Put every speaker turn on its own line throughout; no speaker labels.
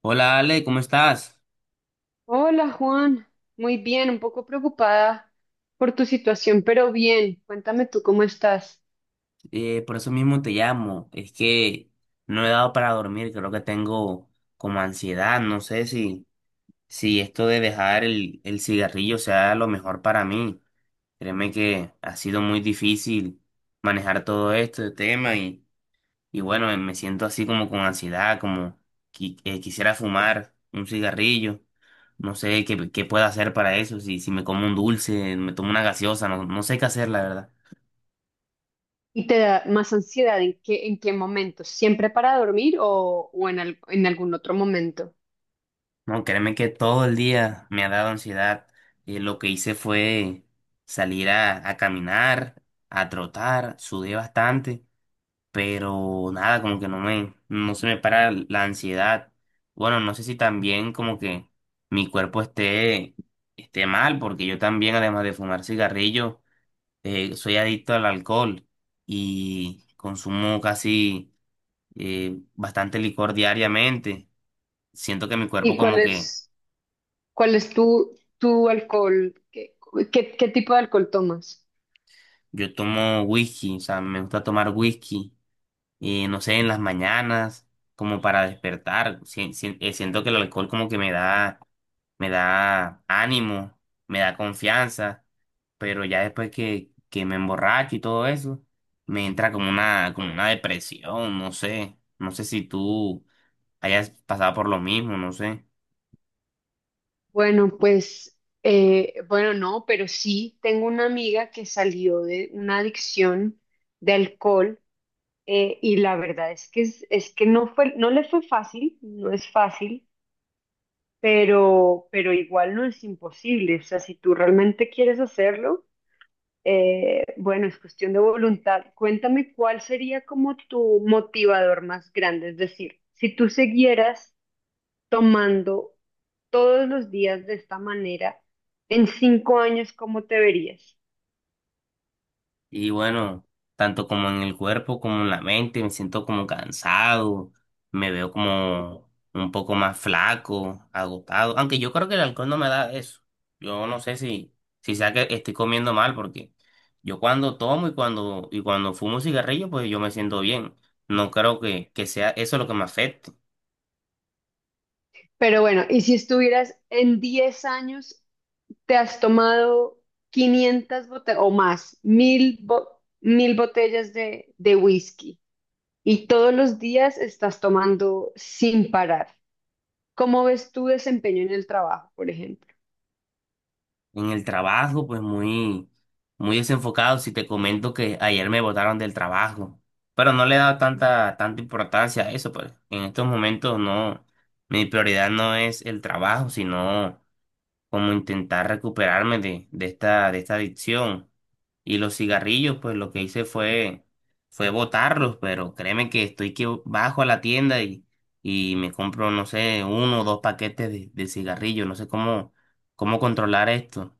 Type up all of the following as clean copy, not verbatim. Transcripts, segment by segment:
Hola Ale, ¿cómo estás?
Hola Juan, muy bien, un poco preocupada por tu situación, pero bien, cuéntame tú cómo estás.
Por eso mismo te llamo. Es que no he dado para dormir, creo que tengo como ansiedad. No sé si esto de dejar el cigarrillo sea lo mejor para mí. Créeme que ha sido muy difícil manejar todo este tema y bueno, me siento así como con ansiedad, como quisiera fumar un cigarrillo. No sé qué puedo hacer para eso, si me como un dulce, me tomo una gaseosa, no sé qué hacer, la verdad.
Y te da más ansiedad en qué, momento, siempre para dormir o en, en algún otro momento.
No, créeme que todo el día me ha dado ansiedad. Lo que hice fue salir a caminar, a trotar, sudé bastante, pero nada, como que no no se me para la ansiedad. Bueno, no sé si también como que mi cuerpo esté mal, porque yo también, además de fumar cigarrillo, soy adicto al alcohol y consumo casi bastante licor diariamente. Siento que mi cuerpo
¿Y cuál
como que.
es, cuál es tu alcohol? qué tipo de alcohol tomas?
Yo tomo whisky, o sea, me gusta tomar whisky, no sé, en las mañanas, como para despertar. Siento que el alcohol como que me me da ánimo, me da confianza, pero ya después que me emborracho y todo eso, me entra como como una depresión, no sé. No sé si tú hayas pasado por lo mismo, no sé.
Bueno, pues, bueno, no, pero sí, tengo una amiga que salió de una adicción de alcohol. Y la verdad es que, es que no le fue fácil, no es fácil, pero igual no es imposible. O sea, si tú realmente quieres hacerlo, bueno, es cuestión de voluntad. Cuéntame cuál sería como tu motivador más grande. Es decir, si tú siguieras tomando todos los días de esta manera, en 5 años, ¿cómo te verías?
Y bueno, tanto como en el cuerpo como en la mente, me siento como cansado, me veo como un poco más flaco, agotado. Aunque yo creo que el alcohol no me da eso. Yo no sé si sea que estoy comiendo mal, porque yo cuando tomo y y cuando fumo cigarrillo, pues yo me siento bien. No creo que sea eso lo que me afecte.
Pero bueno, y si estuvieras en 10 años te has tomado 500 botellas o más, mil botellas de whisky y todos los días estás tomando sin parar. ¿Cómo ves tu desempeño en el trabajo, por ejemplo?
En el trabajo, pues muy desenfocado. Si te comento que ayer me botaron del trabajo, pero no le he dado tanta importancia a eso, pues en estos momentos no, mi prioridad no es el trabajo, sino como intentar recuperarme de esta adicción. Y los cigarrillos, pues lo que hice fue botarlos, pero créeme que estoy que bajo a la tienda y me compro, no sé, uno o dos paquetes de cigarrillos, no sé cómo controlar esto.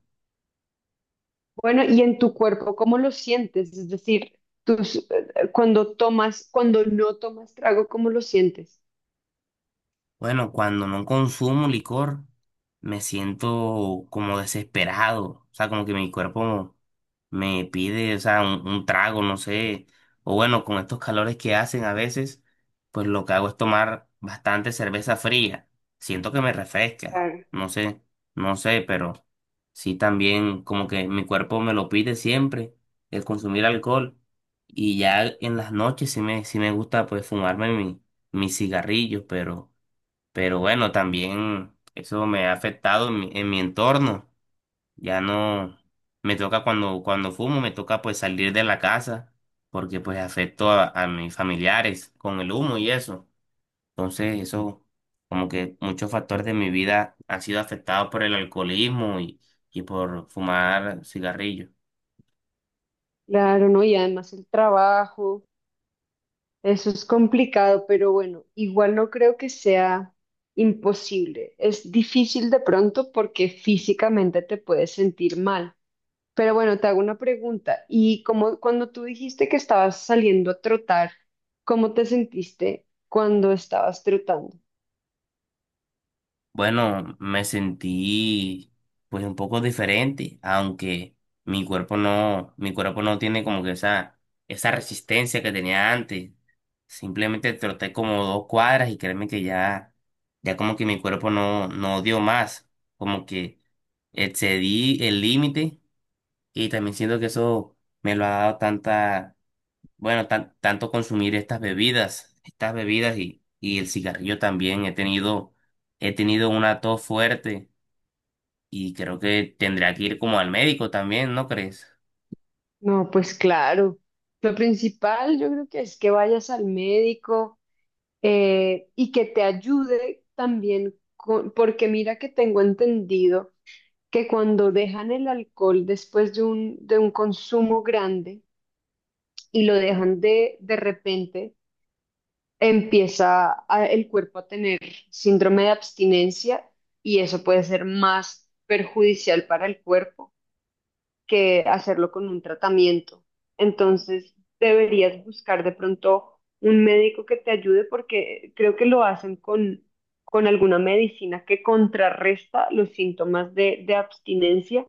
Bueno, y en tu cuerpo, ¿cómo lo sientes? Es decir, cuando no tomas trago, ¿cómo lo sientes?
Bueno, cuando no consumo licor, me siento como desesperado. O sea, como que mi cuerpo me pide, o sea, un trago, no sé. O bueno, con estos calores que hacen a veces, pues lo que hago es tomar bastante cerveza fría. Siento que me refresca.
Claro.
No sé, no sé, pero sí también como que mi cuerpo me lo pide siempre, el consumir alcohol. Y ya en las noches sí sí me gusta pues fumarme mis cigarrillos, pero. Pero bueno, también eso me ha afectado en en mi entorno. Ya no me toca cuando, cuando fumo, me toca pues salir de la casa porque pues afecto a mis familiares con el humo y eso. Entonces eso, como que muchos factores de mi vida han sido afectados por el alcoholismo y por fumar cigarrillos.
Claro, ¿no? Y además el trabajo. Eso es complicado, pero bueno, igual no creo que sea imposible. Es difícil de pronto porque físicamente te puedes sentir mal. Pero bueno, te hago una pregunta. Y como cuando tú dijiste que estabas saliendo a trotar, ¿cómo te sentiste cuando estabas trotando?
Bueno, me sentí pues un poco diferente, aunque mi cuerpo no tiene como que esa resistencia que tenía antes. Simplemente troté como dos cuadras y créeme que ya, ya como que mi cuerpo no, no dio más, como que excedí el límite y también siento que eso me lo ha dado tanta bueno, tanto consumir estas bebidas y el cigarrillo también. He tenido una tos fuerte y creo que tendría que ir como al médico también, ¿no crees?
No, pues claro. Lo principal yo creo que es que vayas al médico, y que te ayude también porque mira que tengo entendido que cuando dejan el alcohol después de un consumo grande y lo dejan de repente, el cuerpo a tener síndrome de abstinencia y eso puede ser más perjudicial para el cuerpo que hacerlo con un tratamiento. Entonces, deberías buscar de pronto un médico que te ayude porque creo que lo hacen con alguna medicina que contrarresta los síntomas de abstinencia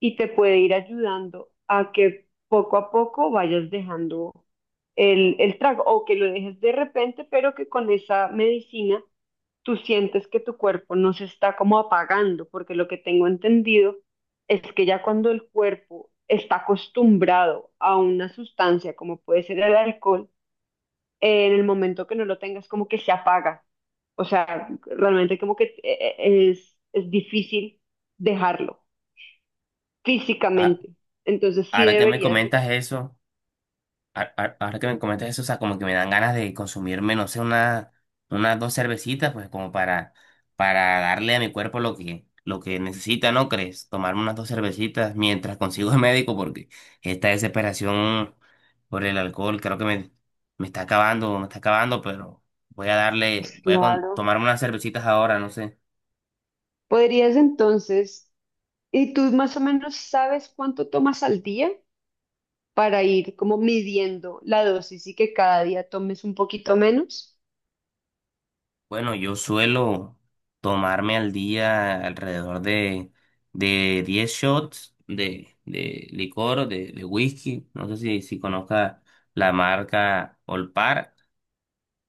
y te puede ir ayudando a que poco a poco vayas dejando el trago o que lo dejes de repente, pero que con esa medicina tú sientes que tu cuerpo no se está como apagando, porque lo que tengo entendido es que ya cuando el cuerpo está acostumbrado a una sustancia como puede ser el alcohol, en el momento que no lo tengas como que se apaga. O sea, realmente como que es difícil dejarlo
A-
físicamente. Entonces sí
Ahora que me
deberías.
comentas eso. Ahora que me comentas eso, o sea, como que me dan ganas de consumirme, no sé, unas dos cervecitas, pues como para darle a mi cuerpo lo lo que necesita, ¿no crees? Tomarme unas dos cervecitas mientras consigo el médico, porque esta desesperación por el alcohol creo que me, me está acabando, pero voy a
Pues
darle,
claro.
tomarme unas cervecitas ahora, no sé.
Podrías entonces, ¿y tú más o menos sabes cuánto tomas al día? Para ir como midiendo la dosis y que cada día tomes un poquito menos.
Bueno, yo suelo tomarme al día alrededor de 10 shots de licor, de whisky. No sé si conozca la marca Olpar.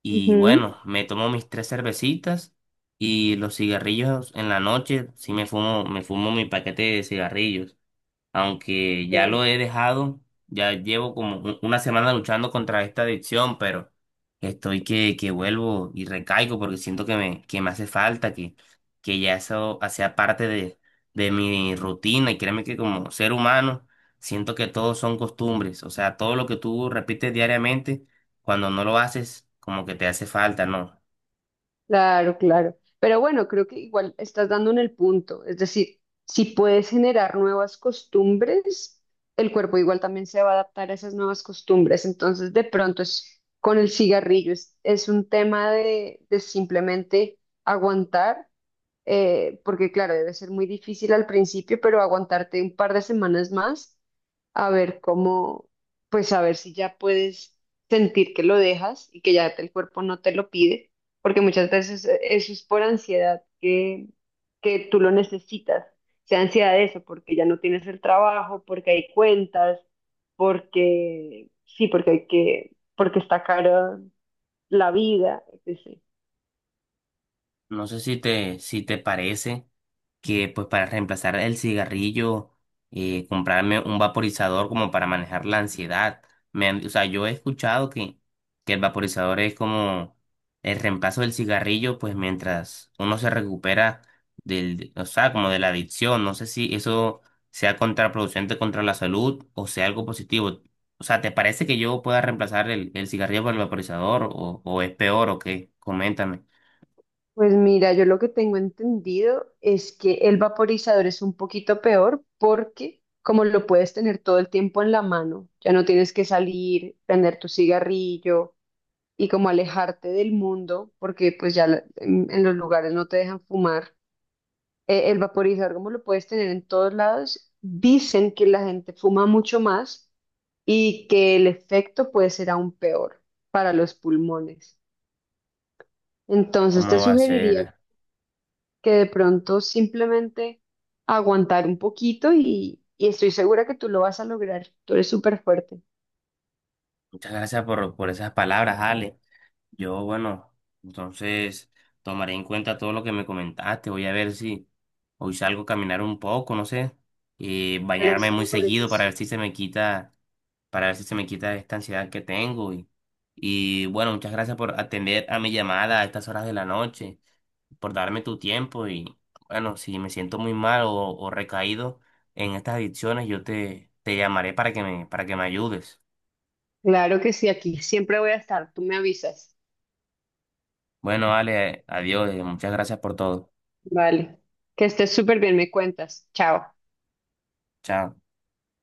Y
Ujú.
bueno, me tomo mis 3 cervecitas y los cigarrillos en la noche. Sí me fumo mi paquete de cigarrillos aunque ya
Ya.
lo he dejado, ya llevo como una semana luchando contra esta adicción, pero estoy que vuelvo y recaigo porque siento que que me hace falta, que ya eso hacía parte de mi rutina y créeme que como ser humano siento que todos son costumbres, o sea, todo lo que tú repites diariamente, cuando no lo haces, como que te hace falta, ¿no?
Claro, claro. Pero bueno, creo que igual estás dando en el punto. Es decir, si puedes generar nuevas costumbres, el cuerpo igual también se va a adaptar a esas nuevas costumbres. Entonces, de pronto es con el cigarrillo, es un tema de simplemente aguantar, porque claro, debe ser muy difícil al principio, pero aguantarte un par de semanas más a ver cómo, pues a ver si ya puedes sentir que lo dejas y que ya el cuerpo no te lo pide, porque muchas veces eso es por ansiedad que, tú lo necesitas, sea ansiedad de eso, porque ya no tienes el trabajo, porque hay cuentas, porque sí, porque hay que, porque está cara la vida, etc.
No sé si si te parece que pues para reemplazar el cigarrillo, comprarme un vaporizador como para manejar la ansiedad. Me han, o sea, yo he escuchado que el vaporizador es como el reemplazo del cigarrillo, pues mientras uno se recupera del, o sea, como de la adicción. No sé si eso sea contraproducente contra la salud o sea algo positivo. O sea, ¿te parece que yo pueda reemplazar el cigarrillo por el vaporizador o es peor o qué? Coméntame.
Pues mira, yo lo que tengo entendido es que el vaporizador es un poquito peor porque como lo puedes tener todo el tiempo en la mano, ya no tienes que salir, prender tu cigarrillo y como alejarte del mundo porque pues ya en los lugares no te dejan fumar. El vaporizador como lo puedes tener en todos lados, dicen que la gente fuma mucho más y que el efecto puede ser aún peor para los pulmones. Entonces te
¿Cómo va a
sugeriría
ser?
que de pronto simplemente aguantar un poquito y estoy segura que tú lo vas a lograr. Tú eres súper fuerte.
Muchas gracias por esas palabras, Ale. Yo, bueno, entonces tomaré en cuenta todo lo que me comentaste. Voy a ver si hoy salgo a caminar un poco, no sé,
Pero
bañarme
eso
muy
me parece
seguido para ver
súper.
si se me quita, para ver si se me quita esta ansiedad que tengo. Y bueno, muchas gracias por atender a mi llamada a estas horas de la noche, por darme tu tiempo. Y bueno, si me siento muy mal o recaído en estas adicciones, yo te llamaré para que para que me ayudes.
Claro que sí, aquí siempre voy a estar. Tú me avisas.
Bueno, Ale, adiós, muchas gracias por todo.
Vale. Que estés súper bien, me cuentas. Chao.
Chao.